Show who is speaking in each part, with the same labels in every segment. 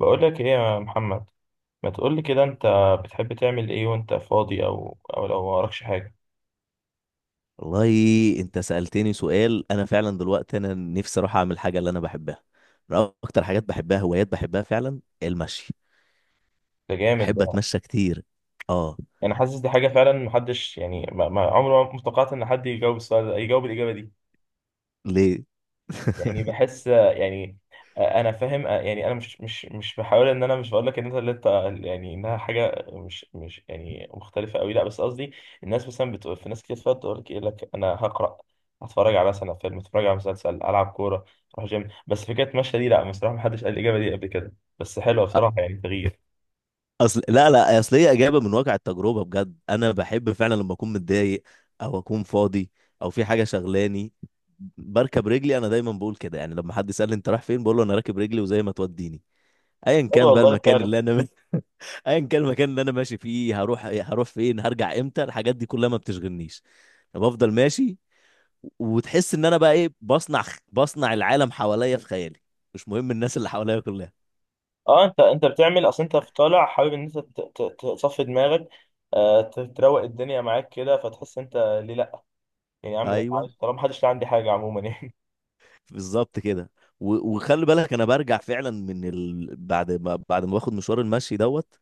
Speaker 1: بقول لك ايه يا محمد. ما تقول لي كده انت، بتحب تعمل ايه وانت فاضي او لو وراكش حاجه؟
Speaker 2: والله انت سألتني سؤال. انا فعلا دلوقتي انا نفسي اروح اعمل حاجة اللي انا بحبها. انا اكتر حاجات بحبها، هوايات بحبها فعلا، المشي.
Speaker 1: ده جامد
Speaker 2: بحب
Speaker 1: ده.
Speaker 2: اتمشى كتير. اه.
Speaker 1: انا حاسس دي حاجه فعلا محدش، يعني، عمره ما توقعت ان حد يجاوب السؤال ده يجاوب الاجابه دي.
Speaker 2: ليه؟
Speaker 1: يعني بحس يعني آه، انا فاهم آه، يعني انا مش بحاول، ان انا مش بقول لك ان انت اللي انت، يعني انها حاجه مش يعني مختلفه قوي، لا بس قصدي. الناس مثلا بتقول، في ناس كتير فات تقول لك ايه لك انا هقرا، هتفرج على مثلا فيلم، اتفرج على مسلسل، العب كوره، اروح جيم، بس فكره مشى دي لا بصراحه ما حدش قال الاجابه دي قبل كده، بس حلوه
Speaker 2: أ-
Speaker 1: بصراحه يعني تغيير.
Speaker 2: اصل لا لا اصل هي اجابة من واقع التجربة بجد. انا بحب فعلا لما اكون متضايق او اكون فاضي او في حاجة شغلاني بركب رجلي. انا دايما بقول كده، يعني لما حد يسألني انت رايح فين بقول له انا راكب رجلي وزي ما توديني. ايا
Speaker 1: حلو
Speaker 2: كان بقى
Speaker 1: والله
Speaker 2: المكان
Speaker 1: فعلا.
Speaker 2: اللي انا ايا كان المكان اللي انا ماشي فيه، هروح فين، هرجع امتى، الحاجات دي كلها ما بتشغلنيش. أنا بفضل ماشي وتحس ان انا بقى ايه، بصنع العالم حواليا في خيالي. مش مهم الناس اللي حواليا كلها.
Speaker 1: اه انت بتعمل، اصل انت في طالع حابب ان انت تصفي دماغك آه، تروق الدنيا معاك كده فتحس انت، ليه لا؟ يعني يا عم ده
Speaker 2: ايوه،
Speaker 1: عارف، طالما محدش لاقي عندي حاجه عموما يعني.
Speaker 2: بالظبط كده. وخلي بالك انا برجع فعلا بعد ما باخد مشوار المشي دوت.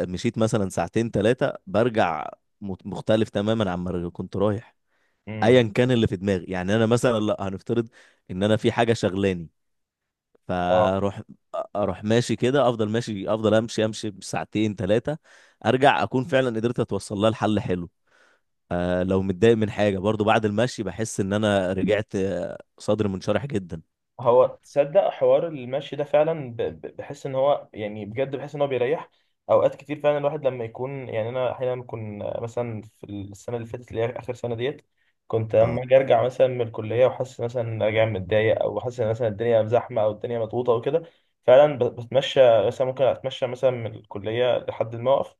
Speaker 2: مشيت مثلا ساعتين ثلاثه، برجع مختلف تماما عما كنت رايح.
Speaker 1: امم
Speaker 2: ايا كان اللي في دماغي. يعني انا مثلا، لا هنفترض ان انا في حاجه شغلاني،
Speaker 1: اه.
Speaker 2: فاروح اروح ماشي كده، افضل ماشي، افضل امشي ساعتين ثلاثه، ارجع اكون فعلا قدرت اتوصل لحل حلو. لو متضايق من حاجه برضو بعد المشي بحس ان انا رجعت، صدري منشرح جدا.
Speaker 1: هو تصدق حوار المشي ده فعلا بحس ان هو يعني بجد بحس ان هو بيريح. اوقات كتير فعلا الواحد لما يكون، يعني انا احيانا كنت مثلا في السنه اللي فاتت اللي هي اخر سنه ديت، كنت لما
Speaker 2: اه،
Speaker 1: اجي ارجع مثلا من الكليه وحاسس مثلا ان أنا راجع متضايق، او حاسس ان مثلا الدنيا زحمه او الدنيا مضغوطه وكده، فعلا بتمشى، مثلا ممكن اتمشى مثلا من الكليه لحد الموقف،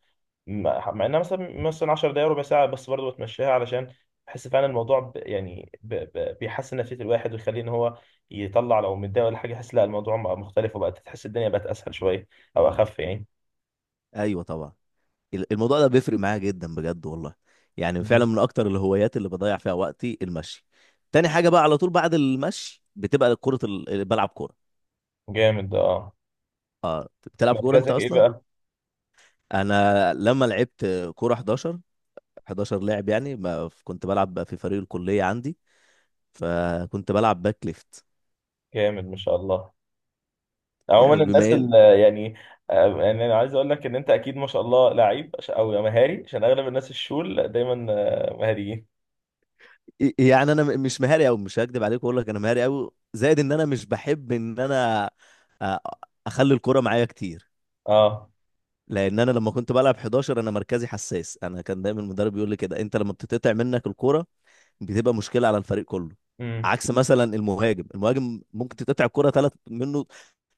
Speaker 1: مع انها مثلا مثلا 10 دقايق ربع ساعه، بس برضه بتمشيها علشان بحس فعلا الموضوع بيحسن نفسيه الواحد ويخليه ان هو يطلع لو متضايق ولا حاجه، يحس لا الموضوع بقى مختلف وبقت تحس الدنيا بقت اسهل شويه، او اخف يعني.
Speaker 2: ايوه طبعا. الموضوع ده بيفرق معايا جدا بجد والله. يعني فعلا
Speaker 1: مم.
Speaker 2: من اكتر الهوايات اللي بضيع فيها وقتي المشي. تاني حاجه بقى على طول بعد المشي بتبقى بلعب كوره.
Speaker 1: جامد اه.
Speaker 2: بتلعب كوره انت
Speaker 1: مركزك ايه
Speaker 2: اصلا؟
Speaker 1: بقى؟
Speaker 2: انا لما لعبت كوره 11، 11 لاعب. يعني ما ف- كنت بلعب بقى في فريق الكلية عندي، فكنت بلعب باك ليفت.
Speaker 1: جامد ما شاء الله.
Speaker 2: يعني
Speaker 1: عموما الناس
Speaker 2: بما ان
Speaker 1: اللي يعني آه، يعني انا عايز اقول لك ان انت اكيد ما شاء الله لعيب او مهاري، عشان اغلب الناس الشول دايما آه، مهاريين.
Speaker 2: يعني انا مش مهاري قوي. مش هكدب عليك واقول لك انا مهاري قوي، زائد ان انا مش بحب ان انا أ- اخلي الكرة معايا كتير.
Speaker 1: اه.
Speaker 2: لان انا لما كنت بلعب 11 انا مركزي حساس. انا كان دايما المدرب يقول لي كده، انت لما بتتقطع منك الكرة بتبقى مشكله على الفريق كله.
Speaker 1: امم.
Speaker 2: عكس مثلا المهاجم ممكن تتقطع الكره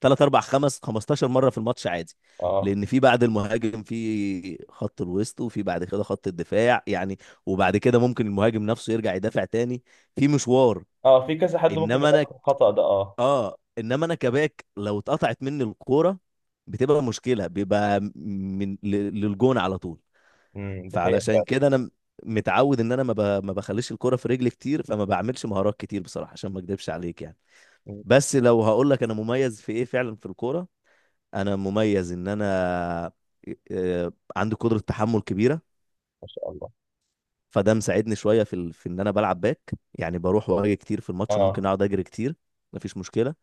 Speaker 2: ثلاث، اربع، خمس، 15 مره في الماتش عادي.
Speaker 1: اه.
Speaker 2: لان في بعد المهاجم في خط الوسط، وفي بعد كده خط الدفاع، يعني، وبعد كده ممكن المهاجم نفسه يرجع يدافع تاني. في مشوار.
Speaker 1: اه في كذا حد ممكن
Speaker 2: انما
Speaker 1: يغلط
Speaker 2: انا،
Speaker 1: الخطأ ده اه.
Speaker 2: اه انما انا كباك، لو اتقطعت مني الكوره بتبقى مشكله، بيبقى للجون على طول.
Speaker 1: دي حقيقة
Speaker 2: فعلشان
Speaker 1: فعلا.
Speaker 2: كده انا متعود ان انا ما بخليش الكرة في رجلي كتير، فما بعملش مهارات كتير بصراحة، عشان ما اكدبش عليك يعني.
Speaker 1: مم.
Speaker 2: بس لو هقول لك انا مميز في ايه فعلا في الكورة، انا مميز ان انا عندي قدرة تحمل كبيرة.
Speaker 1: ما شاء الله.
Speaker 2: فده مساعدني شوية في ان انا بلعب باك. يعني بروح واجي كتير في الماتش، ممكن
Speaker 1: اه.
Speaker 2: اقعد اجري كتير، مفيش مشكلة.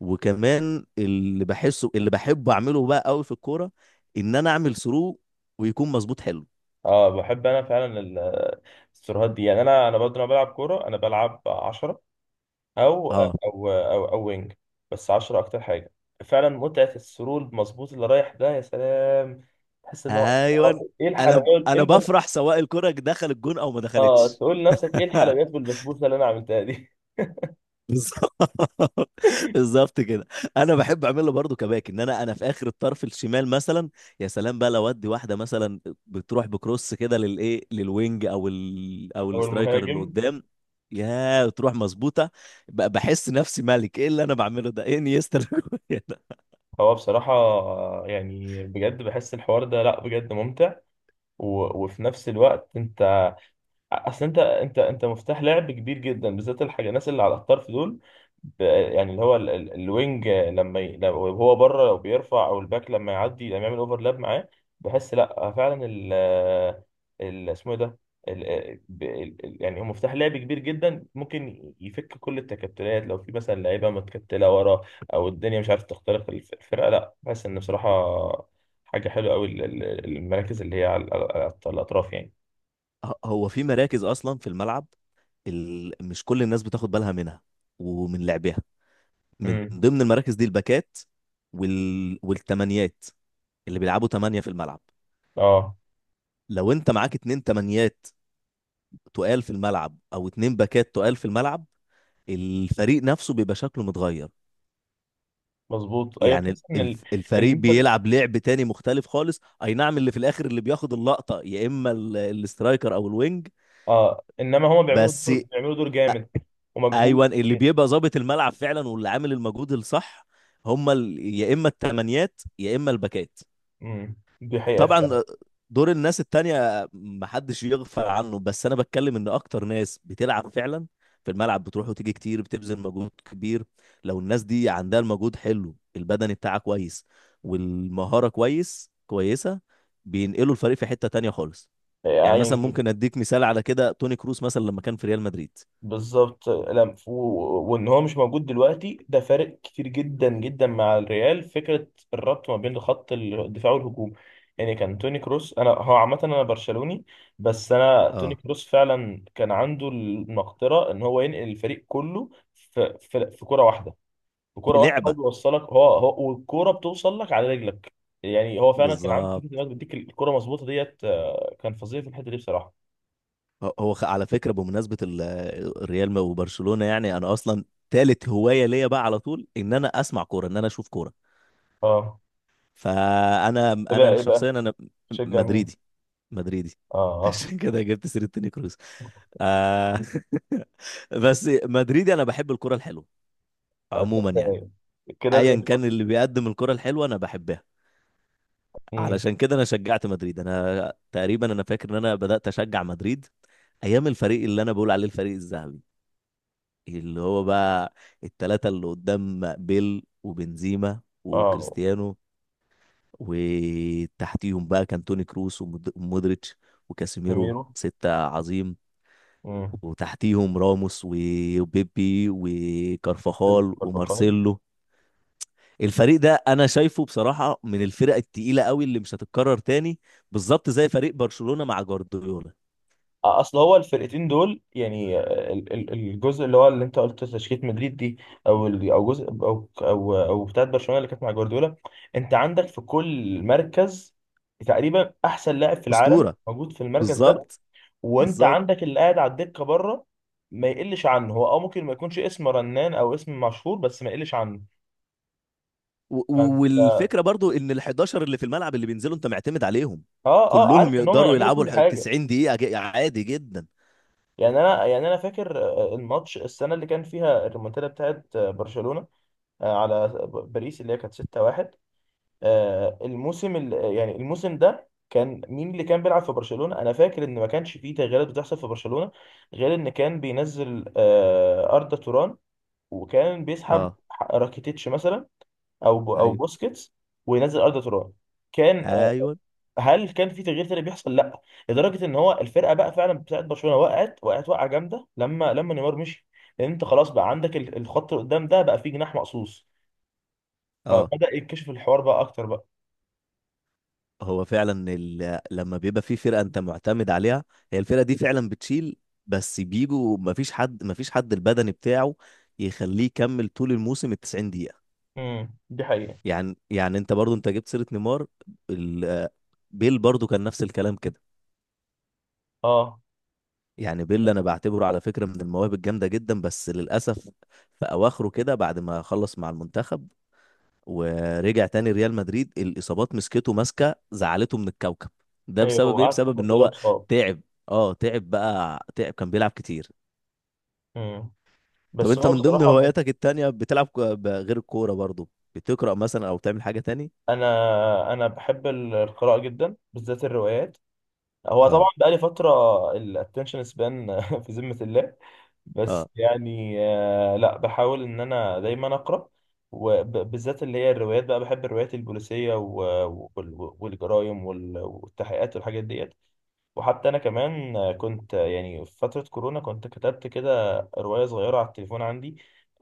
Speaker 2: وكمان اللي بحسه، اللي بحب اعمله بقى قوي في الكورة، ان انا اعمل ثرو ويكون مظبوط حلو.
Speaker 1: اه بحب انا فعلا السيرفرات دي، يعني انا برضه لما بلعب كوره انا بلعب 10، او
Speaker 2: اه،
Speaker 1: او او او وينج، بس 10 اكتر حاجه. فعلا متعه السرول مظبوط اللي رايح ده يا سلام، تحس ان هو
Speaker 2: ايوه.
Speaker 1: آه، ايه الحلويات ايه
Speaker 2: انا
Speaker 1: الب...
Speaker 2: بفرح سواء الكرة دخل الجون او ما
Speaker 1: اه
Speaker 2: دخلتش.
Speaker 1: تقول لنفسك ايه الحلويات والبسبوسه اللي انا عملتها دي.
Speaker 2: بالظبط. بالظبط كده. انا بحب اعملها برضو كباك، ان انا، انا في اخر الطرف الشمال مثلا. يا سلام بقى لو ادي واحده مثلا بتروح بكروس كده للايه، للوينج او
Speaker 1: هو
Speaker 2: الاسترايكر اللي
Speaker 1: المهاجم.
Speaker 2: قدام، يا تروح مظبوطه. بحس نفسي ملك. ايه اللي انا بعمله ده، ايه، انيستا ده.
Speaker 1: هو بصراحة آه، يعني بجد بحس الحوار ده لا بجد ممتع. و... وفي نفس الوقت انت، اصل انت مفتاح لعب كبير جدا، بالذات الحاجه الناس اللي على الطرف دول، يعني اللي هو الوينج لما ي... لو هو بره لو بيرفع، او الباك لما يعدي لما يعمل اوفرلاب معاه، بحس لا فعلا ال، ال اسمه إيه ده، ال... يعني هو مفتاح لعب كبير جدا، ممكن يفك كل التكتلات لو في مثلا لعيبه متكتله ورا، او الدنيا مش عارف تخترق الفرقه، لا بحس ان بصراحه حاجه حلوه قوي، المراكز اللي هي على الاطراف يعني.
Speaker 2: هو في مراكز اصلا في الملعب مش كل الناس بتاخد بالها منها ومن لعبها. من
Speaker 1: امم.
Speaker 2: ضمن المراكز دي الباكات، والتمانيات اللي بيلعبوا تمانية في الملعب.
Speaker 1: اه.
Speaker 2: لو انت معاك اتنين تمانيات تقال في الملعب، او اتنين باكات تقال في الملعب، الفريق نفسه بيبقى شكله متغير.
Speaker 1: مظبوط ايوه
Speaker 2: يعني
Speaker 1: تحس ان ال... ان
Speaker 2: الفريق
Speaker 1: انت،
Speaker 2: بيلعب لعب تاني مختلف خالص، اي نعم، اللي في الاخر اللي بياخد اللقطة يا اما الاسترايكر او الوينج،
Speaker 1: اه انما هما بيعملوا
Speaker 2: بس
Speaker 1: دور... بيعملوا دور جامد ومجهود
Speaker 2: ايوه اللي
Speaker 1: كبير.
Speaker 2: بيبقى ظابط الملعب فعلا واللي عامل المجهود الصح هما يا اما التمانيات يا اما الباكات.
Speaker 1: دي حقيقه
Speaker 2: طبعا
Speaker 1: فعلا.
Speaker 2: دور الناس التانية محدش يغفل عنه، بس انا بتكلم ان اكتر ناس بتلعب فعلا في الملعب بتروح وتيجي كتير، بتبذل مجهود كبير. لو الناس دي عندها المجهود حلو، البدني بتاعها كويس والمهارة كويس كويسة، بينقلوا الفريق في حتة تانية خالص. يعني مثلا
Speaker 1: يعني
Speaker 2: ممكن اديك مثال على كده، توني كروس مثلا لما كان في ريال مدريد.
Speaker 1: بالظبط لم و... وان هو مش موجود دلوقتي ده فارق كتير جدا جدا مع الريال، فكره الربط ما بين خط الدفاع والهجوم، يعني كان توني كروس، انا هو عامه انا برشلوني، بس انا توني
Speaker 2: اه،
Speaker 1: كروس فعلا كان عنده المقدره ان هو ينقل الفريق كله في كره واحده،
Speaker 2: في
Speaker 1: بكرة واحدة هو
Speaker 2: لعبة.
Speaker 1: بيوصلك، هو والكورة بتوصل لك على رجلك. يعني هو فعلا كان عنده فكرة إنه
Speaker 2: بالظبط.
Speaker 1: بيديك الكورة مظبوطة ديت آه، كان فظيع في الحتة دي بصراحة.
Speaker 2: على فكرة، بمناسبة الريال وبرشلونة، يعني أنا أصلا تالت هواية ليا بقى على طول إن أنا أسمع كورة، إن أنا أشوف كورة.
Speaker 1: اه.
Speaker 2: فأنا
Speaker 1: ايه بقى
Speaker 2: أنا
Speaker 1: ايه بقى،
Speaker 2: شخصيا أنا
Speaker 1: تشجع مين؟
Speaker 2: مدريدي. مدريدي.
Speaker 1: اه اه.
Speaker 2: عشان كده جبت سيرة توني كروس. آه. بس مدريدي، أنا بحب الكورة الحلوة عموما يعني.
Speaker 1: هتلاقي- كده زي
Speaker 2: أيا كان
Speaker 1: الفل.
Speaker 2: اللي بيقدم الكورة الحلوة أنا بحبها.
Speaker 1: مم.
Speaker 2: علشان كده أنا شجعت مدريد. أنا تقريبا، أنا فاكر إن أنا بدأت أشجع مدريد أيام الفريق اللي أنا بقول عليه الفريق الذهبي، اللي هو بقى التلاتة اللي قدام، بيل وبنزيما
Speaker 1: اه.
Speaker 2: وكريستيانو، وتحتيهم بقى كان توني كروس ومودريتش وكاسيميرو،
Speaker 1: زميرو.
Speaker 2: ستة عظيم.
Speaker 1: مم.
Speaker 2: وتحتيهم راموس وبيبي
Speaker 1: مختلف
Speaker 2: وكارفاخال
Speaker 1: كارفاخال.
Speaker 2: ومارسيلو. الفريق ده انا شايفه بصراحة من الفرق التقيلة قوي اللي مش هتتكرر تاني، بالظبط زي فريق برشلونة مع جوارديولا.
Speaker 1: اصل هو الفرقتين دول يعني آه، الجزء اللي هو اللي انت قلت تشكيله مدريد دي، او ال- او جزء او او او بتاعت برشلونه اللي كانت مع جوارديولا، انت عندك في كل مركز تقريبا احسن لاعب في العالم
Speaker 2: أسطورة.
Speaker 1: موجود في المركز ده،
Speaker 2: بالظبط.
Speaker 1: وانت
Speaker 2: بالظبط.
Speaker 1: عندك اللي قاعد على الدكه بره ما يقلش عنه، هو اه ممكن ما يكونش اسم رنان او اسم مشهور، بس ما يقلش عنه، فانت
Speaker 2: والفكره برضو ان ال 11 اللي في الملعب اللي بينزلوا انت معتمد عليهم،
Speaker 1: اه اه عارف
Speaker 2: كلهم
Speaker 1: ان هم
Speaker 2: يقدروا
Speaker 1: يعملوا
Speaker 2: يلعبوا ال
Speaker 1: كل حاجه.
Speaker 2: 90 دقيقه عادي جدا.
Speaker 1: يعني انا يعني انا فاكر آه، الماتش السنه اللي كان فيها الريمونتادا بتاعت آه، برشلونه آه، على باريس اللي هي كانت 6-1، آه، الموسم ال- يعني الموسم ده كان مين اللي كان بيلعب في برشلونة، انا فاكر ان ما كانش فيه تغييرات بتحصل في برشلونة غير ان كان بينزل آه، أردا توران، وكان بيسحب
Speaker 2: اه،
Speaker 1: راكيتيتش مثلا، او
Speaker 2: ايوه،
Speaker 1: بوسكيتس، وينزل أردا توران، كان آه،
Speaker 2: ايوه.
Speaker 1: هل كان في تغيير تاني بيحصل؟ لا. لدرجة ان هو الفرقة بقى فعلا بتاعت برشلونة وقعت وقعة جامدة لما نيمار مشي، لان انت خلاص بقى عندك الخط اللي قدام ده بقى فيه جناح مقصوص،
Speaker 2: اه،
Speaker 1: فبدأ يكتشف الحوار بقى أكتر بقى.
Speaker 2: هو فعلا لما بيبقى في فرقه انت معتمد عليها، هي الفرقه دي فعلا بتشيل. بس بيجوا مفيش حد البدني بتاعه يخليه يكمل طول الموسم ال 90 دقيقه.
Speaker 1: دي حقيقة.
Speaker 2: يعني انت برضو انت جبت سيره نيمار. ال... بيل برضو كان نفس الكلام كده.
Speaker 1: اه.
Speaker 2: يعني بيل انا بعتبره على فكره من المواهب الجامده جدا، بس للاسف في اواخره كده بعد ما خلص مع المنتخب ورجع تاني ريال مدريد الاصابات مسكته، ماسكه زعلته من الكوكب ده،
Speaker 1: أيوه هو
Speaker 2: بسبب ايه؟
Speaker 1: قعد
Speaker 2: بسبب
Speaker 1: فترة
Speaker 2: ان
Speaker 1: طويلة
Speaker 2: هو
Speaker 1: مصاب.
Speaker 2: تعب. اه، تعب بقى، تعب كان بيلعب كتير.
Speaker 1: امم.
Speaker 2: طب
Speaker 1: بس
Speaker 2: انت
Speaker 1: هو
Speaker 2: من ضمن
Speaker 1: بصراحة
Speaker 2: هواياتك التانية بتلعب غير الكوره برضو؟ بتقرا مثلا او تعمل حاجه تاني؟
Speaker 1: أنا بحب القراءة جدا بالذات الروايات، هو طبعا
Speaker 2: اه.
Speaker 1: بقالي فترة، الاتنشن سبان في ذمة الله، بس
Speaker 2: اه.
Speaker 1: يعني آه، لا بحاول ان انا دايما اقرا، وبالذات اللي هي الروايات بقى، بحب الروايات البوليسيه والجرايم والتحقيقات والحاجات ديت، وحتى انا كمان كنت يعني في فتره كورونا كنت كتبت كده روايه صغيره على التليفون عندي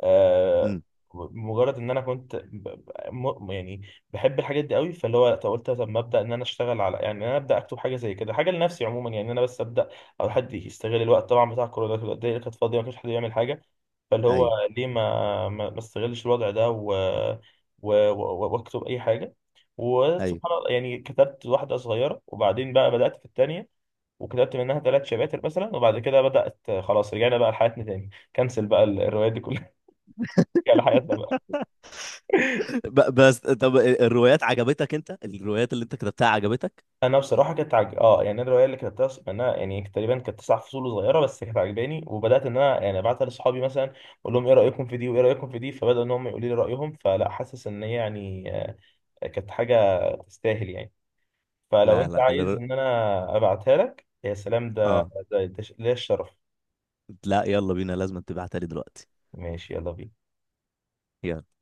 Speaker 1: آه،
Speaker 2: امم.
Speaker 1: مجرد ان انا كنت م- يعني بحب الحاجات دي قوي، فاللي هو طب قلت طب ما ابدا، ان انا اشتغل على، يعني إن انا ابدا اكتب حاجه زي كده، حاجه لنفسي عموما، يعني إن انا بس ابدا، او حد يستغل الوقت طبعا بتاع كورونا كده الدنيا كانت فاضيه ما كانش حد يعمل حاجه، فاللي هو
Speaker 2: ايوه.
Speaker 1: ليه ما استغلش الوضع ده واكتب اي حاجه.
Speaker 2: ايوه.
Speaker 1: وسبحان الله يعني كتبت واحده صغيره، وبعدين بقى بدات في الثانيه، وكتبت منها ثلاث شباتر مثلا، وبعد كده بدأت، خلاص رجعنا بقى لحياتنا تاني، كنسل بقى الروايات دي كلها. رجعنا لحياتنا بقى.
Speaker 2: بس طب الروايات عجبتك؟ انت الروايات اللي انت كتبتها عجبتك؟
Speaker 1: انا بصراحه كنت عج... اه يعني الروايه اللي كتبتها منها يعني تقريبا كانت تسع فصول صغيره، بس كانت عجباني، وبدات ان انا يعني ابعتها لاصحابي مثلا، اقول لهم ايه رايكم في دي وايه رايكم في دي، فبداوا ان هم يقولوا لي رايهم، فلا حاسس ان هي يعني آه، كانت حاجه تستاهل يعني، فلو
Speaker 2: لا،
Speaker 1: انت
Speaker 2: لا.
Speaker 1: عايز ان انا ابعتها لك يا سلام، ده
Speaker 2: اه،
Speaker 1: ده الشرف.
Speaker 2: لا، يلا بينا، لازم تبعتها لي دلوقتي.
Speaker 1: ماشي يلا بينا.
Speaker 2: يلا.